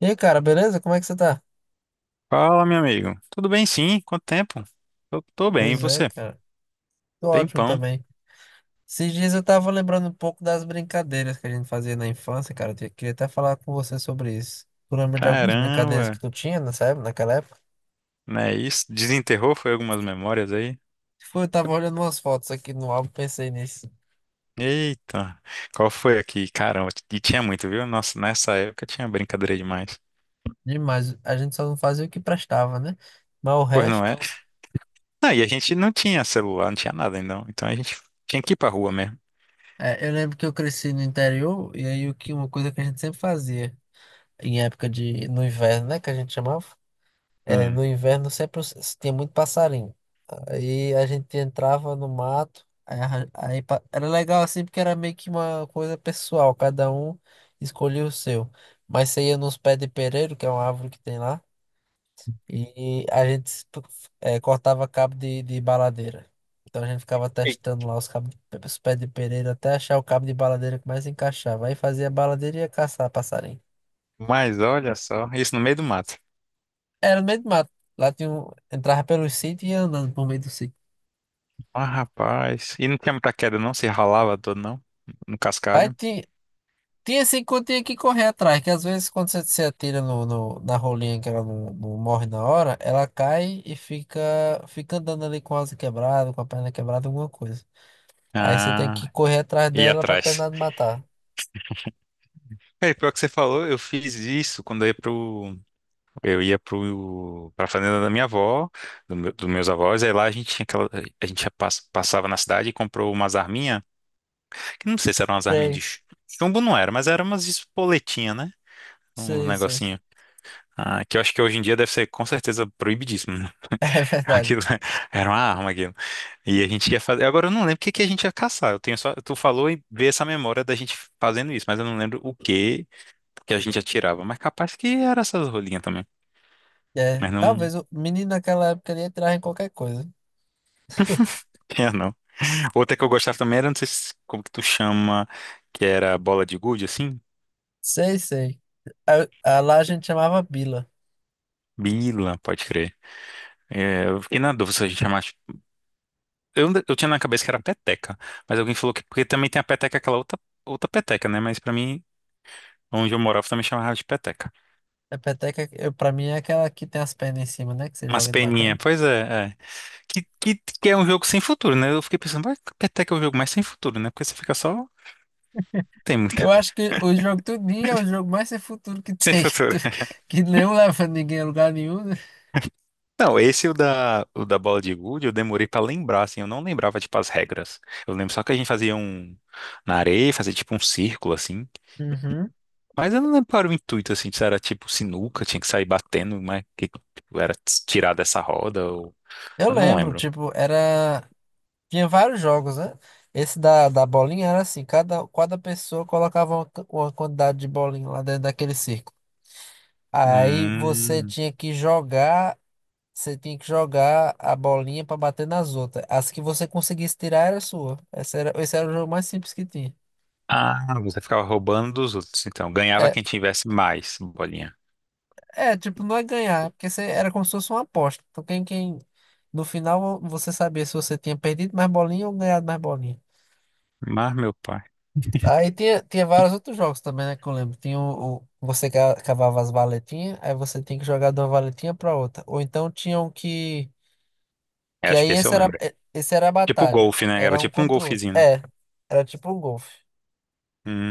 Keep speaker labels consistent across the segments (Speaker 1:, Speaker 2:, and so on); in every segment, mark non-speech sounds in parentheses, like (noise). Speaker 1: E aí, cara, beleza? Como é que você tá?
Speaker 2: Fala, meu amigo. Tudo bem, sim? Quanto tempo? Eu tô bem, e
Speaker 1: Pois é,
Speaker 2: você?
Speaker 1: cara. Tô ótimo
Speaker 2: Tempão.
Speaker 1: também. Esses dias eu tava lembrando um pouco das brincadeiras que a gente fazia na infância, cara. Queria até falar com você sobre isso. Tu lembra de algumas brincadeiras
Speaker 2: Caramba,
Speaker 1: que tu tinha nessa época, naquela época?
Speaker 2: né? Isso desenterrou foi algumas memórias aí.
Speaker 1: Foi, eu tava olhando umas fotos aqui no álbum, pensei nisso.
Speaker 2: Eita, qual foi aqui? Caramba, e tinha muito, viu? Nossa, nessa época tinha brincadeira demais.
Speaker 1: Demais. A gente só não fazia o que prestava, né? Mas o
Speaker 2: Pois não é?
Speaker 1: resto.
Speaker 2: Não, e a gente não tinha celular, não tinha nada então. Então a gente tinha que ir pra rua mesmo.
Speaker 1: É, eu lembro que eu cresci no interior, e aí o que, uma coisa que a gente sempre fazia, em época de, no inverno, né? Que a gente chamava. É,
Speaker 2: Hum.
Speaker 1: no inverno sempre tinha muito passarinho. Aí a gente entrava no mato, aí, era legal assim porque era meio que uma coisa pessoal, cada um escolhia o seu. Mas você ia nos pés de pereiro, que é uma árvore que tem lá, e a gente cortava cabo de baladeira. Então a gente ficava
Speaker 2: E-
Speaker 1: testando lá os pés de pereiro até achar o cabo de baladeira que mais encaixava. Aí fazia baladeira e ia caçar passarinho.
Speaker 2: Mas olha só, isso no meio do mato.
Speaker 1: Era no meio do mato. Lá tinha um, entrava pelos sítios e ia andando por meio do sítio.
Speaker 2: Ah, rapaz. E não tinha muita queda, não? Se ralava todo, não? No
Speaker 1: Vai
Speaker 2: cascalho?
Speaker 1: ter, tem esse encontrinho que correr atrás, que às vezes quando você se atira no, na rolinha que ela não morre na hora, ela cai e fica, fica andando ali com a asa quebrada, com a perna quebrada, alguma coisa. Aí você tem que
Speaker 2: Ah,
Speaker 1: correr atrás
Speaker 2: ia
Speaker 1: dela pra
Speaker 2: atrás.
Speaker 1: terminar de matar.
Speaker 2: É, pior que você falou, eu fiz isso quando eu ia pro, pra fazenda dos meus avós, aí lá a gente tinha aquela, a gente ia passava na cidade e comprou umas arminhas, que não sei se eram umas arminhas de
Speaker 1: Sei,
Speaker 2: chumbo, não era, mas eram umas espoletinhas, né? Um
Speaker 1: sei, sei. (laughs)
Speaker 2: negocinho. Ah, que eu acho que hoje em dia deve ser com certeza proibidíssimo, né?
Speaker 1: É verdade.
Speaker 2: Aquilo (laughs) era uma arma, aquilo. E a gente ia fazer. Agora eu não lembro o que que a gente ia caçar. Eu tenho só. Tu falou e veio essa memória da gente fazendo isso, mas eu não lembro o que que a gente atirava. Mas capaz que era essas rolinhas também.
Speaker 1: É,
Speaker 2: Mas não
Speaker 1: talvez o menino naquela época ali entrava em qualquer coisa.
Speaker 2: (laughs) tinha, não. Outra que eu gostava também era, não sei se- como que tu chama, que era bola de gude, assim?
Speaker 1: Sei, sei. A lá a gente chamava Bila.
Speaker 2: Bila, pode crer. É, eu fiquei na dúvida se a gente chamasse. Eu tinha na cabeça que era peteca, mas alguém falou que. Porque também tem a peteca, aquela outra, outra peteca, né? Mas pra mim, onde eu morava, também chamava de peteca.
Speaker 1: A peteca, eu, pra mim, é aquela que tem as pernas em cima, né? Que você
Speaker 2: Umas
Speaker 1: joga de
Speaker 2: peninhas,
Speaker 1: batendo.
Speaker 2: pois é, é. Que é um jogo sem futuro, né? Eu fiquei pensando, vai, até que é um jogo mais sem futuro, né? Porque você fica só. Não tem muito.
Speaker 1: Eu
Speaker 2: (laughs)
Speaker 1: acho que o jogo Tudinho é o jogo mais sem futuro que
Speaker 2: Sem
Speaker 1: tem, (laughs) que,
Speaker 2: futuro.
Speaker 1: tu- que não leva ninguém a lugar nenhum, né?
Speaker 2: Não, esse o da bola de gude, eu demorei pra lembrar, assim, eu não lembrava, tipo, as regras. Eu lembro só que a gente fazia um. Na areia, fazia tipo um círculo, assim.
Speaker 1: Uhum.
Speaker 2: Mas eu não lembro qual era o intuito, assim, se era tipo sinuca, tinha que sair batendo, mas que tipo, era tirar dessa roda, ou.
Speaker 1: Eu
Speaker 2: Eu não
Speaker 1: lembro,
Speaker 2: lembro.
Speaker 1: tipo, era. Tinha vários jogos, né? Esse da bolinha era assim, cada pessoa colocava uma quantidade de bolinha lá dentro daquele círculo. Aí você
Speaker 2: Hum.
Speaker 1: tinha que jogar, você tinha que jogar a bolinha pra bater nas outras. As que você conseguisse tirar era sua. Esse era o jogo mais simples que tinha.
Speaker 2: Ah, você ficava roubando dos outros, então. Ganhava
Speaker 1: É,
Speaker 2: quem tivesse mais bolinha.
Speaker 1: é, tipo, não é ganhar, é porque você, era como se fosse uma aposta. Então, quem, no final, você sabia se você tinha perdido mais bolinha ou ganhado mais bolinha.
Speaker 2: Mas, meu pai.
Speaker 1: Aí tinha vários outros jogos também, né, que eu lembro. Tinha você cavava as valetinhas, aí você tinha que jogar de uma valetinha pra outra. Ou então tinham que,
Speaker 2: Eu
Speaker 1: que
Speaker 2: acho
Speaker 1: aí
Speaker 2: que esse eu
Speaker 1: esse era,
Speaker 2: lembro.
Speaker 1: eh, esse era a
Speaker 2: Tipo
Speaker 1: batalha,
Speaker 2: golfe, né? Era
Speaker 1: era um
Speaker 2: tipo um
Speaker 1: contra o outro.
Speaker 2: golfezinho, né?
Speaker 1: É, era tipo um golfe.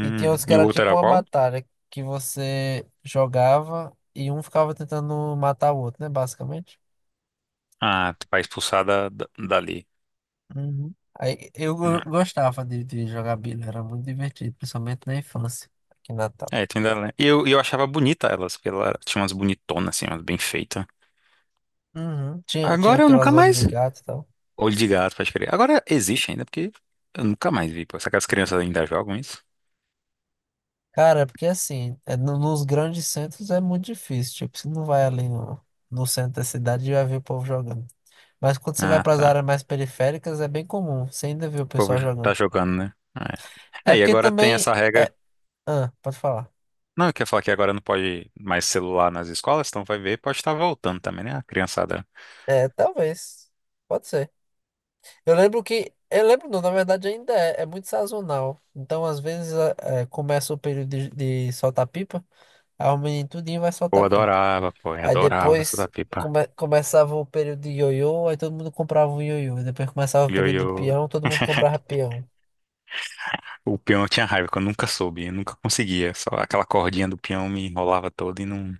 Speaker 1: E tinha outros que
Speaker 2: E o
Speaker 1: era
Speaker 2: outro
Speaker 1: tipo
Speaker 2: era
Speaker 1: uma
Speaker 2: qual?
Speaker 1: batalha, que você jogava e um ficava tentando matar o outro, né, basicamente.
Speaker 2: Ah, pra expulsar dali.
Speaker 1: Uhum. Aí eu
Speaker 2: Hum.
Speaker 1: go- gostava de jogar bilha, era muito divertido, principalmente na infância, aqui em Natal.
Speaker 2: É, tu ainda lembra. E eu achava bonita elas, porque ela tinha umas bonitonas, assim, umas bem feitas.
Speaker 1: Uhum. Tinha
Speaker 2: Agora eu nunca
Speaker 1: aquelas olhos
Speaker 2: mais.
Speaker 1: de gato e tal.
Speaker 2: Olho de gato, pode crer. Agora existe ainda, porque eu nunca mais vi. Pô. Será que as crianças ainda jogam isso?
Speaker 1: Cara, é porque assim, nos grandes centros é muito difícil. Tipo, você não vai ali no centro da cidade e vai ver o povo jogando. Mas quando você vai
Speaker 2: Ah,
Speaker 1: para as
Speaker 2: tá.
Speaker 1: áreas mais periféricas, é bem comum. Você ainda vê o
Speaker 2: O povo
Speaker 1: pessoal
Speaker 2: tá
Speaker 1: jogando.
Speaker 2: jogando, né? É.
Speaker 1: É
Speaker 2: É, e
Speaker 1: porque
Speaker 2: agora tem
Speaker 1: também.
Speaker 2: essa
Speaker 1: É,
Speaker 2: regra.
Speaker 1: ah, pode falar.
Speaker 2: Não, eu queria falar que agora não pode mais celular nas escolas, então vai ver, pode estar voltando também, né? A criançada.
Speaker 1: É, talvez. Pode ser. Eu lembro que. Não, na verdade ainda é muito sazonal. Então, às vezes, começa o período de soltar pipa, aí o menino tudinho vai
Speaker 2: Pô,
Speaker 1: soltar pipa.
Speaker 2: adorava, pô, eu
Speaker 1: Aí
Speaker 2: adorava
Speaker 1: depois
Speaker 2: soltar pipa.
Speaker 1: começava o período de ioiô, aí todo mundo comprava um ioiô. Depois começava o período de
Speaker 2: Yo-yo.
Speaker 1: peão, todo mundo comprava
Speaker 2: (laughs)
Speaker 1: peão.
Speaker 2: O peão eu tinha raiva, que eu nunca soube, eu nunca conseguia. Só aquela cordinha do peão me enrolava toda e não,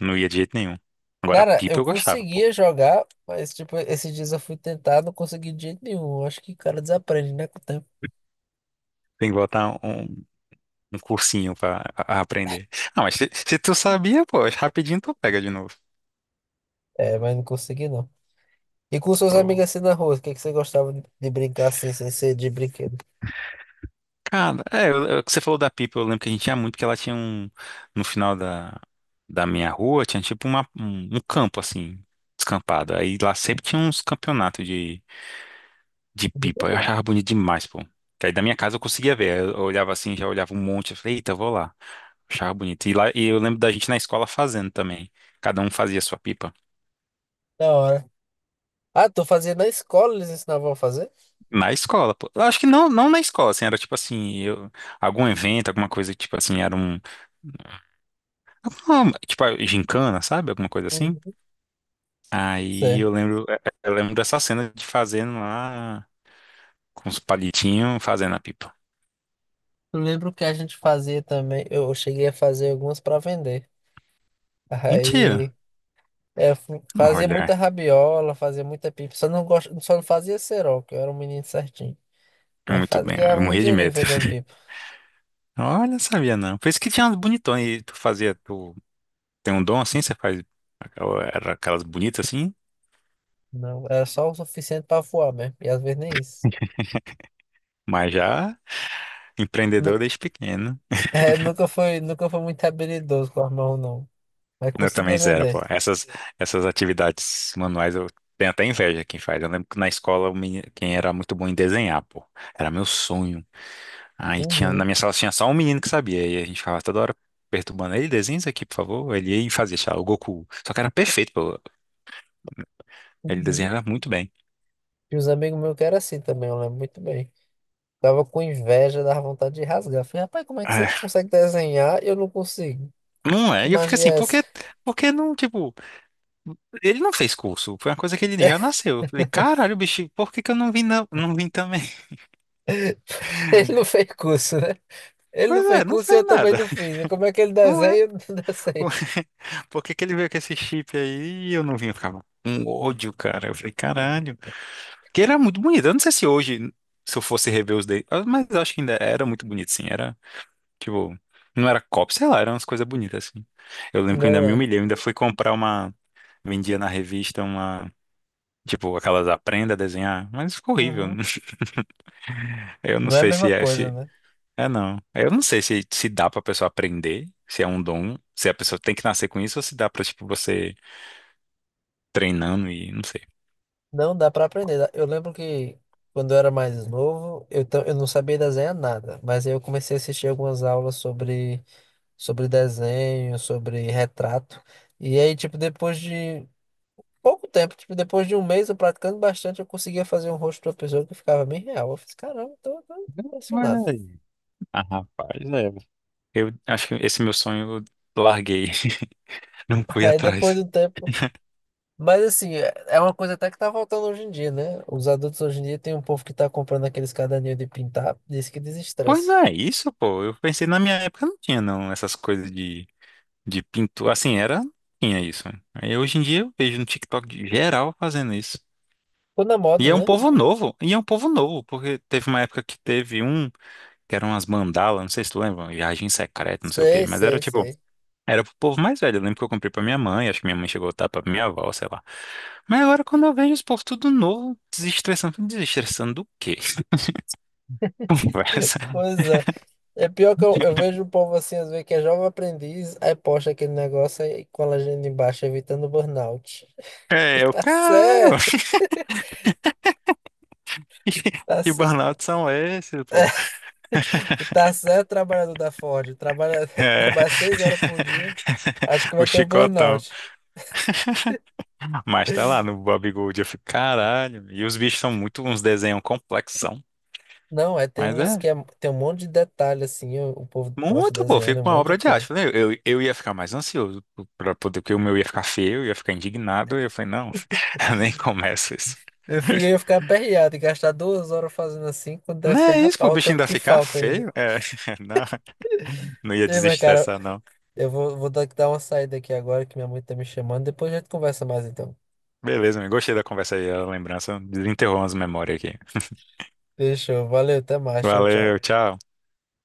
Speaker 2: não ia de jeito nenhum. Agora,
Speaker 1: Cara,
Speaker 2: pipa
Speaker 1: eu
Speaker 2: eu gostava, pô.
Speaker 1: conseguia jogar, mas, tipo, esses dias eu fui tentar, não consegui de jeito nenhum. Eu acho que o cara desaprende, né, com o tempo.
Speaker 2: Tem que botar um, um cursinho pra aprender. Ah, mas se tu sabia, pô, rapidinho tu pega de novo.
Speaker 1: É, mas não consegui, não. E com suas
Speaker 2: Pô.
Speaker 1: amigas assim na rua, o que é que você gostava de brincar assim, sem ser de brinquedo?
Speaker 2: Cara, é, você falou da pipa, eu lembro que a gente tinha muito, que ela tinha um. No final da minha rua, tinha tipo um campo assim, descampado. Aí lá sempre tinha uns campeonatos de. De pipa. Eu achava bonito demais, pô. Que aí da minha casa eu conseguia ver. Eu olhava assim, já olhava um monte. Eu falei, eita, eu vou lá. Achava bonito. E lá, e eu lembro da gente na escola fazendo também. Cada um fazia a sua pipa.
Speaker 1: Da hora. Ah, tu fazia na escola, eles ensinavam a fazer?
Speaker 2: Na escola, pô. Eu acho que não, não na escola, assim, era tipo assim, eu, algum evento, alguma coisa, que, tipo assim, era um. Tipo, a gincana, sabe? Alguma coisa assim.
Speaker 1: Uhum.
Speaker 2: Aí
Speaker 1: Sei.
Speaker 2: eu lembro, eu lembro dessa cena de fazendo lá com os palitinhos, fazendo a pipa.
Speaker 1: Eu lembro que a gente fazia também, eu cheguei a fazer algumas para vender.
Speaker 2: Mentira.
Speaker 1: Aí. É, eu fazia
Speaker 2: Olha,
Speaker 1: muita rabiola, fazia muita pipa. Só não fazia cerol, que eu era um menino certinho.
Speaker 2: é
Speaker 1: Mas
Speaker 2: muito
Speaker 1: fazia,
Speaker 2: bem. Eu
Speaker 1: ganhava um
Speaker 2: morria de
Speaker 1: dinheirinho
Speaker 2: medo.
Speaker 1: vendendo
Speaker 2: (laughs)
Speaker 1: pipa.
Speaker 2: Olha, sabia não. Por isso que tinha umas bonitões. E tu fazia, tu tem um dom assim, você faz era aquelas bonitas assim,
Speaker 1: Não, era só o suficiente pra voar mesmo. E às vezes nem isso.
Speaker 2: mas já empreendedor
Speaker 1: Nu-
Speaker 2: desde pequeno.
Speaker 1: nunca foi muito habilidoso com a mão, não. Mas
Speaker 2: Eu também
Speaker 1: conseguia
Speaker 2: zero,
Speaker 1: vender.
Speaker 2: pô. Essas atividades manuais eu tenho até inveja quem faz. Eu lembro que na escola o quem era muito bom em desenhar, pô. Era meu sonho. Aí tinha,
Speaker 1: Uhum,
Speaker 2: na minha sala tinha só um menino que sabia. E a gente ficava toda hora perturbando ele, desenha isso aqui, por favor. Ele ia e fazia, sei lá, o Goku. Só que era perfeito, pô. Ele
Speaker 1: uhum.
Speaker 2: desenhava muito bem.
Speaker 1: E os amigos meus que eram assim também, eu lembro muito bem. Tava com inveja, dava vontade de rasgar. Falei, rapaz, como é que você consegue desenhar e eu não consigo?
Speaker 2: Não
Speaker 1: Que
Speaker 2: é, e eu fico
Speaker 1: magia
Speaker 2: assim,
Speaker 1: é essa?
Speaker 2: por que não, tipo, ele não fez curso, foi uma coisa que ele já nasceu. Eu falei, caralho, bicho, por que que eu não vim, não, não vim também? (laughs)
Speaker 1: (laughs) Ele não fez curso, né? Ele não
Speaker 2: Pois
Speaker 1: fez
Speaker 2: é, não
Speaker 1: curso e
Speaker 2: fez
Speaker 1: eu também
Speaker 2: nada,
Speaker 1: não fiz. Como é que ele
Speaker 2: não
Speaker 1: desenha (laughs)
Speaker 2: é?
Speaker 1: e eu não (laughs) desenho?
Speaker 2: (laughs) Por que que ele veio com esse chip aí e eu não vim? Eu ficava um ódio, cara. Eu falei, caralho. Que era muito bonito, eu não sei se hoje, se eu fosse rever os dele, mas eu acho que ainda era muito bonito, sim, era, tipo, não era cópia, sei lá, eram umas coisas bonitas, assim. Eu lembro que eu ainda
Speaker 1: Não
Speaker 2: me
Speaker 1: é.
Speaker 2: humilhei, eu ainda fui comprar uma, vendia na revista uma. Tipo, aquelas aprenda a desenhar, mas ficou horrível.
Speaker 1: Uhum.
Speaker 2: (laughs) Eu não
Speaker 1: Não é a
Speaker 2: sei
Speaker 1: mesma
Speaker 2: se é
Speaker 1: coisa,
Speaker 2: se
Speaker 1: né?
Speaker 2: é não. Eu não sei se se dá pra pessoa aprender, se é um dom, se a pessoa tem que nascer com isso ou se dá pra tipo você treinando e não sei.
Speaker 1: Não dá pra aprender. Eu lembro que quando eu era mais novo, eu não sabia desenhar nada. Mas aí eu comecei a assistir algumas aulas sobre desenho, sobre retrato. E aí, tipo, depois de pouco tempo, tipo, depois de um mês eu praticando bastante, eu conseguia fazer um rosto de uma pessoa que ficava bem real. Eu fiz, caramba, tô
Speaker 2: Olha
Speaker 1: impressionado.
Speaker 2: aí. Ah, rapaz, é. Eu acho que esse meu sonho eu larguei, (laughs) não
Speaker 1: (laughs)
Speaker 2: fui
Speaker 1: Aí depois
Speaker 2: atrás.
Speaker 1: do tempo. Mas assim, é uma coisa até que tá faltando hoje em dia, né? Os adultos hoje em dia tem um povo que tá comprando aqueles caderninhos de pintar, diz que
Speaker 2: Pois
Speaker 1: desestressa.
Speaker 2: não é isso, pô. Eu pensei na minha época não tinha não essas coisas de pintura, assim, era tinha isso. Aí hoje em dia eu vejo no TikTok de geral fazendo isso.
Speaker 1: Ficou na moda, né?
Speaker 2: E é um povo novo, porque teve uma época que teve um, que eram umas mandalas, não sei se tu lembra, viagem secreta, não sei o quê,
Speaker 1: Sei,
Speaker 2: mas era
Speaker 1: sei,
Speaker 2: tipo,
Speaker 1: sei.
Speaker 2: era pro povo mais velho. Eu lembro que eu comprei pra minha mãe, acho que minha mãe chegou a dar pra minha avó, sei lá. Mas agora quando eu vejo esse povo tudo novo, desestressando, desestressando do quê? (laughs) Conversa.
Speaker 1: Pois é. É pior que eu vejo o povo assim, às vezes, que é jovem aprendiz, aí posta aquele negócio aí com a legenda embaixo, evitando burnout. (laughs) E
Speaker 2: É, eu,
Speaker 1: tá
Speaker 2: caralho,
Speaker 1: certo,
Speaker 2: (laughs) que
Speaker 1: tá,
Speaker 2: que
Speaker 1: cer-
Speaker 2: burnout são esses, pô?
Speaker 1: (laughs) e tá certo, trabalhador da Ford. Trabalha, (laughs)
Speaker 2: É.
Speaker 1: trabalha 6 horas por dia, acho
Speaker 2: (laughs)
Speaker 1: que
Speaker 2: O
Speaker 1: vai ter o
Speaker 2: chicotão.
Speaker 1: burnout.
Speaker 2: Mas tá lá no Bob Gold, eu fico, caralho. E os bichos são muito uns desenhos complexos.
Speaker 1: Não, é, tem
Speaker 2: Mas
Speaker 1: uns que
Speaker 2: é
Speaker 1: é, tem um monte de detalhe, assim, o povo posta
Speaker 2: muito bom,
Speaker 1: desenhando,
Speaker 2: fica
Speaker 1: um
Speaker 2: uma
Speaker 1: monte de
Speaker 2: obra de
Speaker 1: coisa.
Speaker 2: arte, né? Eu ia ficar mais ansioso para poder, porque o meu ia ficar feio, eu ia ficar indignado. E eu falei, não, (laughs) eu nem começo isso.
Speaker 1: Eu ficar aperreado e gastar 2 horas fazendo assim, quando der
Speaker 2: Não é
Speaker 1: ferrar
Speaker 2: isso, pô, o
Speaker 1: pau, o
Speaker 2: bichinho
Speaker 1: tanto
Speaker 2: ainda
Speaker 1: que
Speaker 2: ficar
Speaker 1: falta ainda.
Speaker 2: feio. É, (laughs) não, não ia
Speaker 1: Ei, mas cara,
Speaker 2: desestressar, não.
Speaker 1: eu vou dar uma saída aqui agora, que minha mãe tá me chamando, depois a gente conversa mais então.
Speaker 2: Beleza, amigo, gostei da conversa aí, a lembrança. Desenterrou umas memórias aqui.
Speaker 1: Fechou, valeu, até mais, tchau,
Speaker 2: Valeu,
Speaker 1: tchau.
Speaker 2: tchau.